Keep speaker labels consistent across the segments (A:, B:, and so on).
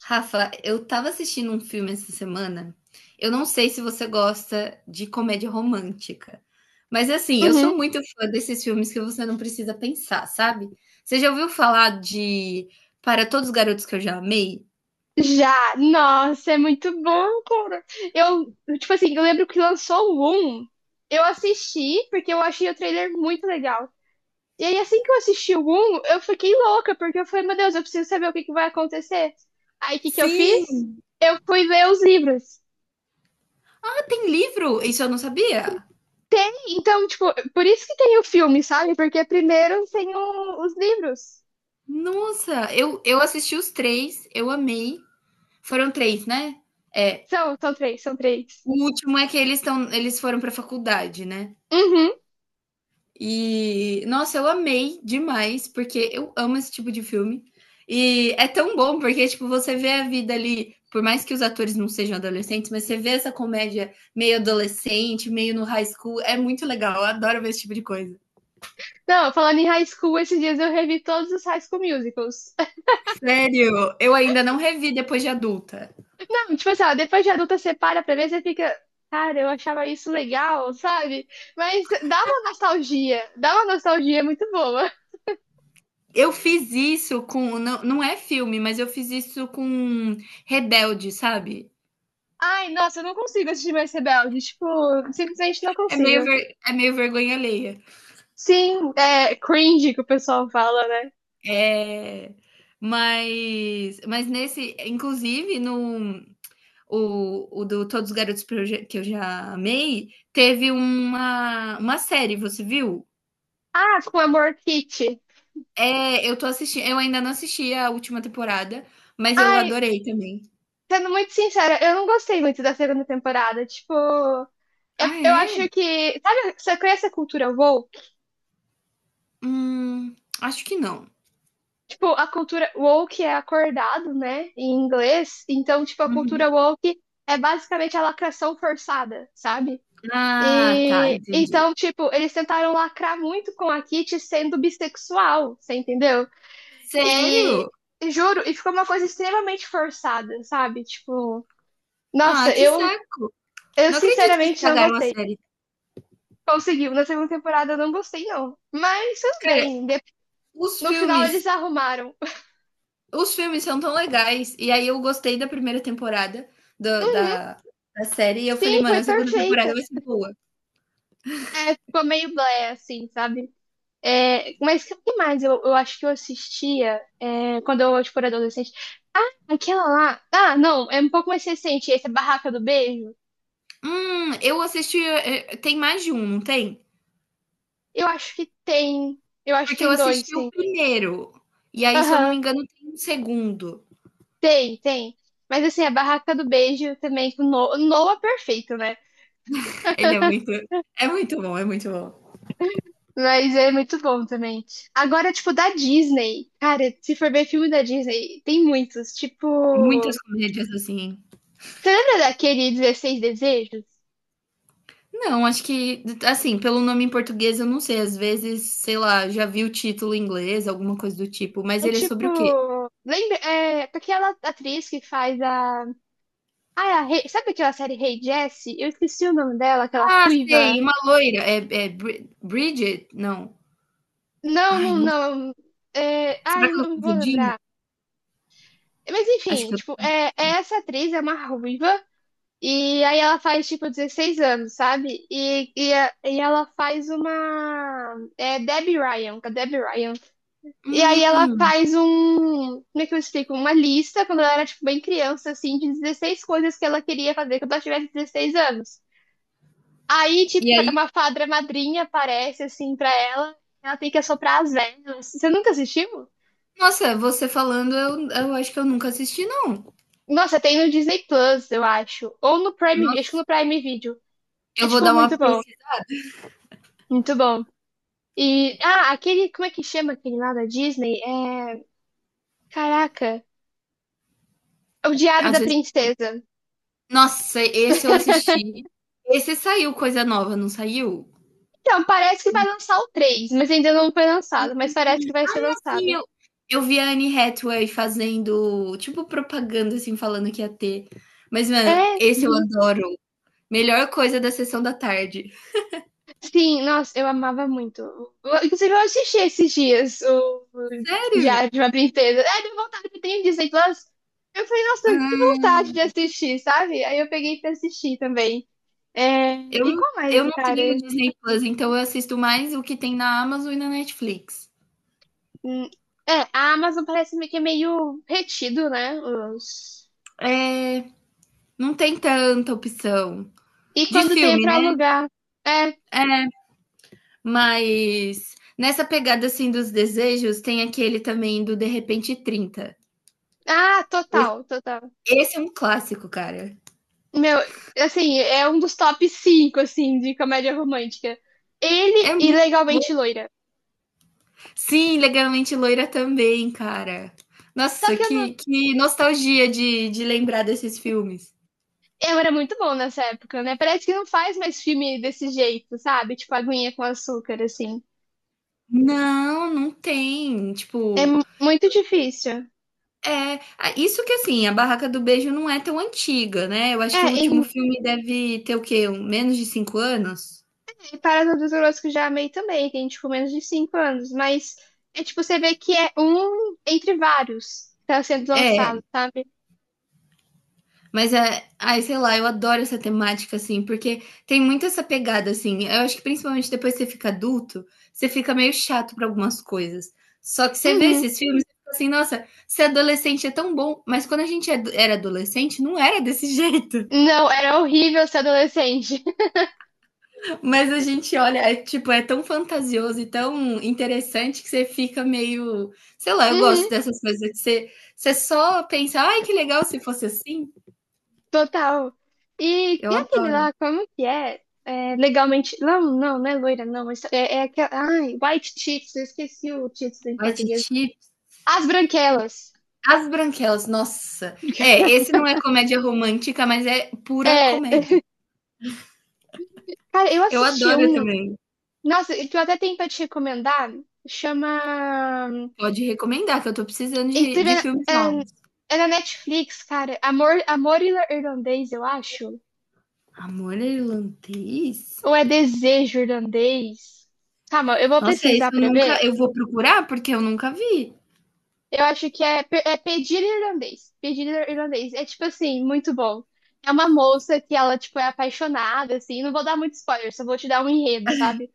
A: Rafa, eu tava assistindo um filme essa semana. Eu não sei se você gosta de comédia romântica, mas assim, eu
B: Uhum.
A: sou muito fã desses filmes que você não precisa pensar, sabe? Você já ouviu falar de Para Todos os Garotos que Eu Já Amei?
B: Já, nossa, é muito bom, cara. Eu, tipo assim, eu lembro que lançou o 1, eu assisti porque eu achei o trailer muito legal. E aí, assim que eu assisti o 1, eu fiquei louca, porque eu falei, meu Deus, eu preciso saber o que que vai acontecer. Aí, o que que eu
A: Sim.
B: fiz? Eu fui ler os livros.
A: Ah, tem livro? Isso eu não sabia.
B: Então, tipo, por isso que tem o filme, sabe? Porque primeiro tem os livros.
A: Nossa, eu assisti os três, eu amei. Foram três, né? É.
B: São três, são três.
A: O último é que eles estão, eles foram pra faculdade, né?
B: Uhum.
A: E, nossa, eu amei demais, porque eu amo esse tipo de filme. E é tão bom, porque, tipo, você vê a vida ali, por mais que os atores não sejam adolescentes, mas você vê essa comédia meio adolescente, meio no high school, é muito legal, eu adoro ver esse tipo de coisa.
B: Não, falando em high school, esses dias eu revi todos os High School Musicals.
A: Sério, eu ainda não revi depois de adulta.
B: Tipo assim, ó, depois de adulta você para pra ver, você fica, cara, eu achava isso legal, sabe? Mas dá uma nostalgia muito boa.
A: Eu fiz isso com, não, não é filme, mas eu fiz isso com Rebelde, sabe?
B: Ai, nossa, eu não consigo assistir mais Rebelde, tipo, simplesmente não
A: É meio,
B: consigo.
A: ver- é meio vergonha alheia.
B: Sim, é cringe que o pessoal fala, né?
A: É, mas nesse, inclusive, no o do Todos os Garotos que eu já amei, teve uma série, você viu?
B: Ah, com Amor Kit.
A: É, eu tô assistindo, eu ainda não assisti a última temporada, mas eu
B: Ai,
A: adorei também.
B: sendo muito sincera, eu não gostei muito da segunda temporada, tipo, eu,
A: Ah,
B: eu
A: é?
B: acho que, sabe, você conhece a cultura woke?
A: Hum, acho que não.
B: Tipo, a cultura woke é acordado, né, em inglês. Então, tipo, a
A: Uhum.
B: cultura woke é basicamente a lacração forçada, sabe?
A: Ah, tá,
B: E
A: entendi.
B: então, tipo, eles tentaram lacrar muito com a Kitty sendo bissexual, você entendeu? E
A: Sério?
B: e juro, e ficou uma coisa extremamente forçada, sabe? Tipo,
A: Ah,
B: nossa,
A: que
B: eu
A: saco.
B: eu
A: Não acredito que
B: sinceramente não
A: estragaram a
B: gostei.
A: série.
B: Conseguiu, na segunda temporada eu não gostei, não. Mas tudo
A: Cara,
B: bem,
A: os
B: no final
A: filmes
B: eles arrumaram.
A: os filmes são tão legais. E aí eu gostei da primeira temporada do-
B: Uhum,
A: da, da série. E eu falei,
B: sim,
A: mano, a
B: foi
A: segunda temporada
B: perfeita.
A: vai ser boa.
B: É, ficou meio blé, assim, sabe? É, mas o que mais eu acho que eu assistia é, quando eu tipo, era adolescente? Ah, aquela lá. Ah, não, é um pouco mais recente, esse é Barraca do Beijo.
A: Eu assisti. Tem mais de um, não tem?
B: Eu acho que tem. Eu acho que
A: Porque eu
B: tem dois,
A: assisti o
B: sim.
A: primeiro. E aí, se eu não me
B: Aham,
A: engano, tem um segundo.
B: tem, tem. Mas assim, a Barraca do Beijo também, com no Noah é perfeito, né?
A: Ele é muito. É muito bom, é muito bom.
B: Mas é muito bom também. Agora, tipo, da Disney. Cara, se for ver filme da Disney, tem muitos. Tipo.
A: Muitas comédias assim.
B: Você lembra daquele dezesseis Desejos?
A: Não, acho que, assim, pelo nome em português, eu não sei. Às vezes, sei lá, já vi o título em inglês, alguma coisa do tipo. Mas
B: É
A: ele é sobre
B: tipo,
A: o quê?
B: lembra, é, aquela atriz que faz a, ah, é a sabe aquela série Rei Jessie? Eu esqueci o nome dela, aquela
A: Ah,
B: ruiva.
A: sei, uma loira. É Bridget? Não.
B: Não,
A: Ai,
B: não,
A: não,
B: não. É, ah,
A: será
B: eu
A: que eu tô
B: não vou
A: confundindo?
B: lembrar. Mas
A: Acho
B: enfim,
A: que eu.
B: tipo, é, é essa atriz é uma ruiva e aí ela faz tipo 16 anos, sabe? E, e ela faz uma é Debbie Ryan, com a Debbie Ryan. E aí ela
A: Hum.
B: faz um, como é que eu explico? Uma lista, quando ela era, tipo, bem criança, assim, de 16 coisas que ela queria fazer quando ela tivesse 16 anos. Aí, tipo,
A: E aí,
B: uma fadra madrinha aparece, assim, pra ela, ela tem que assoprar as velas. Você nunca assistiu?
A: nossa, você falando, eu acho que eu nunca assisti não.
B: Nossa, tem no Disney Plus, eu acho. Ou no Prime, acho que
A: Nossa,
B: no Prime Video. É,
A: eu vou
B: tipo,
A: dar
B: muito
A: uma
B: bom,
A: pesqui
B: muito bom. E, ah, aquele, como é que chama aquele lá da Disney? É, caraca, é o Diário
A: às
B: da
A: vezes.
B: Princesa.
A: Nossa, esse eu assisti. Esse saiu coisa nova, não saiu?
B: Então, parece que vai lançar o 3 mas ainda não foi lançado, mas parece que vai ser
A: Sim,
B: lançado.
A: eu vi a Anne Hathaway fazendo, tipo, propaganda, assim, falando que ia ter. Mas, mano,
B: É,
A: esse eu
B: uhum.
A: adoro. Melhor coisa da sessão da tarde.
B: Sim, nossa, eu amava muito. Inclusive, eu assisti esses dias o
A: Sério?
B: Diário de uma Princesa. É, deu vontade, eu tenho Disney Plus. Eu falei, nossa, que
A: Ah.
B: vontade de assistir, sabe? Aí eu peguei pra assistir também. É,
A: Eu
B: e
A: não
B: qual
A: eu
B: mais,
A: não tenho
B: cara?
A: Disney Plus, então eu assisto mais o que tem na Amazon e na Netflix.
B: Hum, É, a Amazon parece meio que é meio retido, né? Os...
A: É, não tem tanta opção.
B: E
A: De
B: quando tem é
A: filme,
B: pra
A: né?
B: alugar. É,
A: É, mas nessa pegada assim dos desejos, tem aquele também do De Repente 30.
B: ah,
A: Esse,
B: total, total.
A: esse é um clássico, cara.
B: Meu, assim, é um dos top 5 assim, de comédia romântica.
A: É
B: Ele e
A: muito bom.
B: Legalmente Loira.
A: Sim, Legalmente Loira também, cara.
B: Só
A: Nossa,
B: que eu não...
A: que nostalgia de, lembrar desses filmes.
B: Eu era muito bom nessa época, né? Parece que não faz mais filme desse jeito, sabe? Tipo, aguinha com açúcar, assim.
A: Não, não tem.
B: É
A: Tipo,
B: muito difícil.
A: Isso que assim, a Barraca do Beijo não é tão antiga, né? Eu acho
B: É,
A: que o último filme deve ter o quê? Menos de 5 anos?
B: e Parada dos Horrores que eu já amei também. Tem, tipo, menos de 5 anos. Mas é, tipo, você vê que é um entre vários que tá sendo
A: É,
B: lançado, sabe?
A: mas é, ai, sei lá, eu adoro essa temática, assim, porque tem muito essa pegada, assim. Eu acho que principalmente depois que você fica adulto, você fica meio chato para algumas coisas. Só que você vê
B: Uhum.
A: esses filmes e fica assim, nossa, ser adolescente é tão bom, mas quando a gente era adolescente, não era desse jeito.
B: Não, era horrível ser adolescente.
A: Mas a gente olha, é, tipo, é tão fantasioso e tão interessante que você fica meio. Sei lá, eu gosto
B: Uhum.
A: dessas coisas que você, você só pensa, ai, que legal se fosse assim.
B: Total.
A: Eu
B: E aquele
A: adoro.
B: lá, como que é? É, legalmente. Não, não, não é loira, não. Mas é, é aquela. Ai, White Chicks, eu esqueci o título em
A: Ai,
B: português.
A: Titi.
B: As Branquelas.
A: As Branquelas, nossa. É, esse não é comédia romântica, mas é pura
B: É,
A: comédia.
B: cara, eu
A: Eu
B: assisti
A: adoro
B: um.
A: também.
B: Nossa, que eu até tenho pra te recomendar. Chama.
A: Pode recomendar, que eu tô precisando de,
B: Inclusive,
A: de filmes
B: é, é-
A: novos.
B: é na Netflix, cara. Amor, Amor Irlandês, eu acho.
A: Amor Irlandês?
B: Ou é Desejo Irlandês? Calma, eu vou
A: Nossa, esse
B: pesquisar
A: eu
B: pra ver.
A: nunca. Eu vou procurar porque eu nunca vi.
B: Eu acho que é, é pedir irlandês. Pedir irlandês. É tipo assim, muito bom. É uma moça que ela, tipo, é apaixonada, assim. Não vou dar muito spoiler, só vou te dar um enredo, sabe?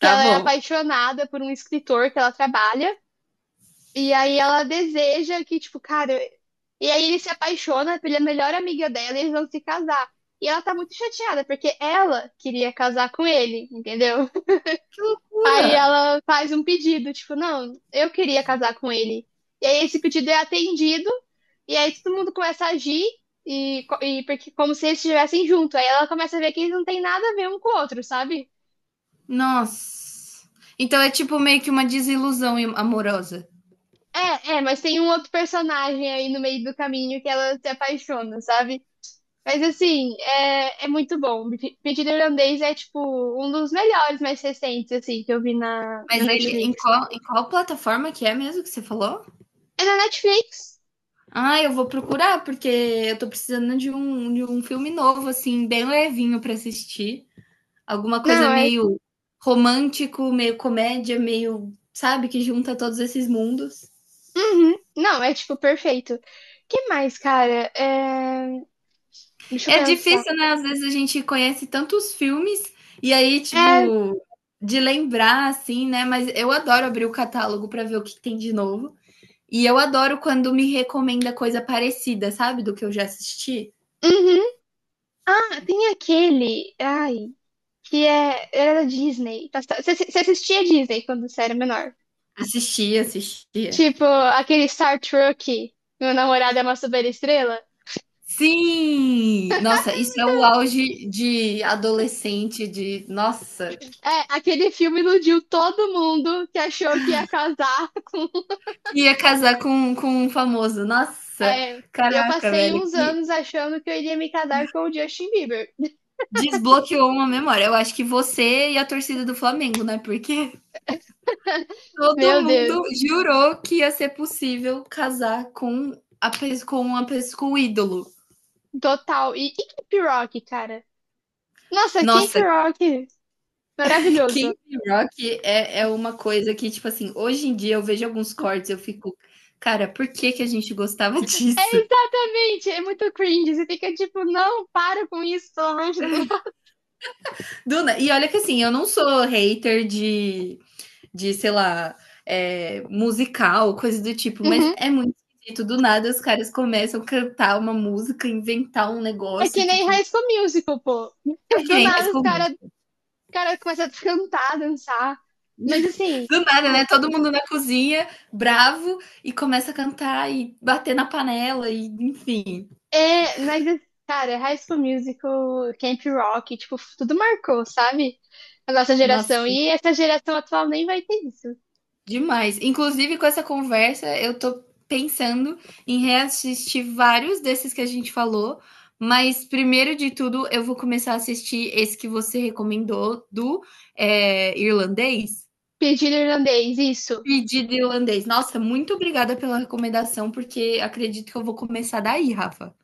B: Que ela é
A: bom.
B: apaixonada por um escritor que ela trabalha. E aí ela deseja que, tipo, cara. E aí ele se apaixona pela melhor amiga dela e eles vão se casar. E ela tá muito chateada, porque ela queria casar com ele, entendeu?
A: Que loucura!
B: Aí ela faz um pedido, tipo, não, eu queria casar com ele. E aí esse pedido é atendido, e aí todo mundo começa a agir, e, e porque, como se eles estivessem junto. Aí ela começa a ver que eles não têm nada a ver um com o outro, sabe?
A: Nossa. Então é tipo meio que uma desilusão amorosa.
B: É, é, mas tem um outro personagem aí no meio do caminho que ela se apaixona, sabe? Mas assim, é, é muito bom. Pedido Irlandês é, tipo, um dos melhores mais recentes, assim, que eu vi na,
A: Mas
B: na
A: ele, em
B: Netflix.
A: qual, em qual plataforma que é mesmo que você falou?
B: É na Netflix?
A: Ah, eu vou procurar, porque eu tô precisando de um filme novo, assim, bem levinho pra assistir. Alguma coisa
B: Não, é
A: meio romântico, meio comédia, meio, sabe, que junta todos esses mundos.
B: uhum. Não, é tipo perfeito. Que mais, cara? É, deixa eu
A: É
B: pensar.
A: difícil, né? Às vezes a gente conhece tantos filmes e aí,
B: É.
A: tipo, de lembrar, assim, né? Mas eu adoro abrir o catálogo pra ver o que tem de novo. E eu adoro quando me recomenda coisa parecida, sabe? Do que eu já assisti.
B: Uhum. Ah, tem aquele. Ai, que é. Era da Disney. Você assistia Disney quando você era menor?
A: Assistia, assistia.
B: Tipo, aquele Star Trek. Meu namorado é uma superestrela.
A: Sim! Nossa, isso é o auge de adolescente, de. Nossa!
B: É, aquele filme iludiu todo mundo que achou que ia casar com.
A: Que ia casar com, um famoso. Nossa!
B: É, eu
A: Caraca,
B: passei
A: velho,
B: uns
A: que
B: anos achando que eu iria me casar com o Justin Bieber.
A: desbloqueou uma memória. Eu acho que você e a torcida do Flamengo, né? Porque todo
B: Meu Deus,
A: mundo jurou que ia ser possível casar com um ídolo.
B: total. E Cape Rock, cara? Nossa, Camp
A: Nossa,
B: Rock, maravilhoso.
A: Camp Rock é uma coisa que, tipo assim, hoje em dia eu vejo alguns cortes, eu fico, cara, por que que a gente gostava
B: É
A: disso?
B: exatamente, é muito cringe. Você fica tipo, não, para com isso, pelo amor de Deus.
A: Duna, e olha que assim, eu não sou hater de sei lá, musical, coisa do tipo, mas
B: Uhum.
A: é muito esquisito. Do nada os caras começam a cantar uma música, inventar um
B: É
A: negócio,
B: que nem
A: tipo.
B: High School Musical, pô.
A: É que
B: Do
A: nem High
B: nada os
A: School
B: caras
A: Musical.
B: cara começam a cantar, dançar. Mas assim,
A: Do nada, né?
B: tipo,
A: Todo mundo na cozinha, bravo, e começa a cantar e bater na panela, e enfim.
B: é, mas, cara, High School Musical, Camp Rock, tipo, tudo marcou, sabe? A nossa geração.
A: Nossa.
B: E essa geração atual nem vai ter isso.
A: Demais. Inclusive, com essa conversa, eu tô pensando em reassistir vários desses que a gente falou, mas primeiro de tudo, eu vou começar a assistir esse que você recomendou do, irlandês.
B: Pedido irlandês, isso.
A: Pedido irlandês. Nossa, muito obrigada pela recomendação, porque acredito que eu vou começar daí, Rafa.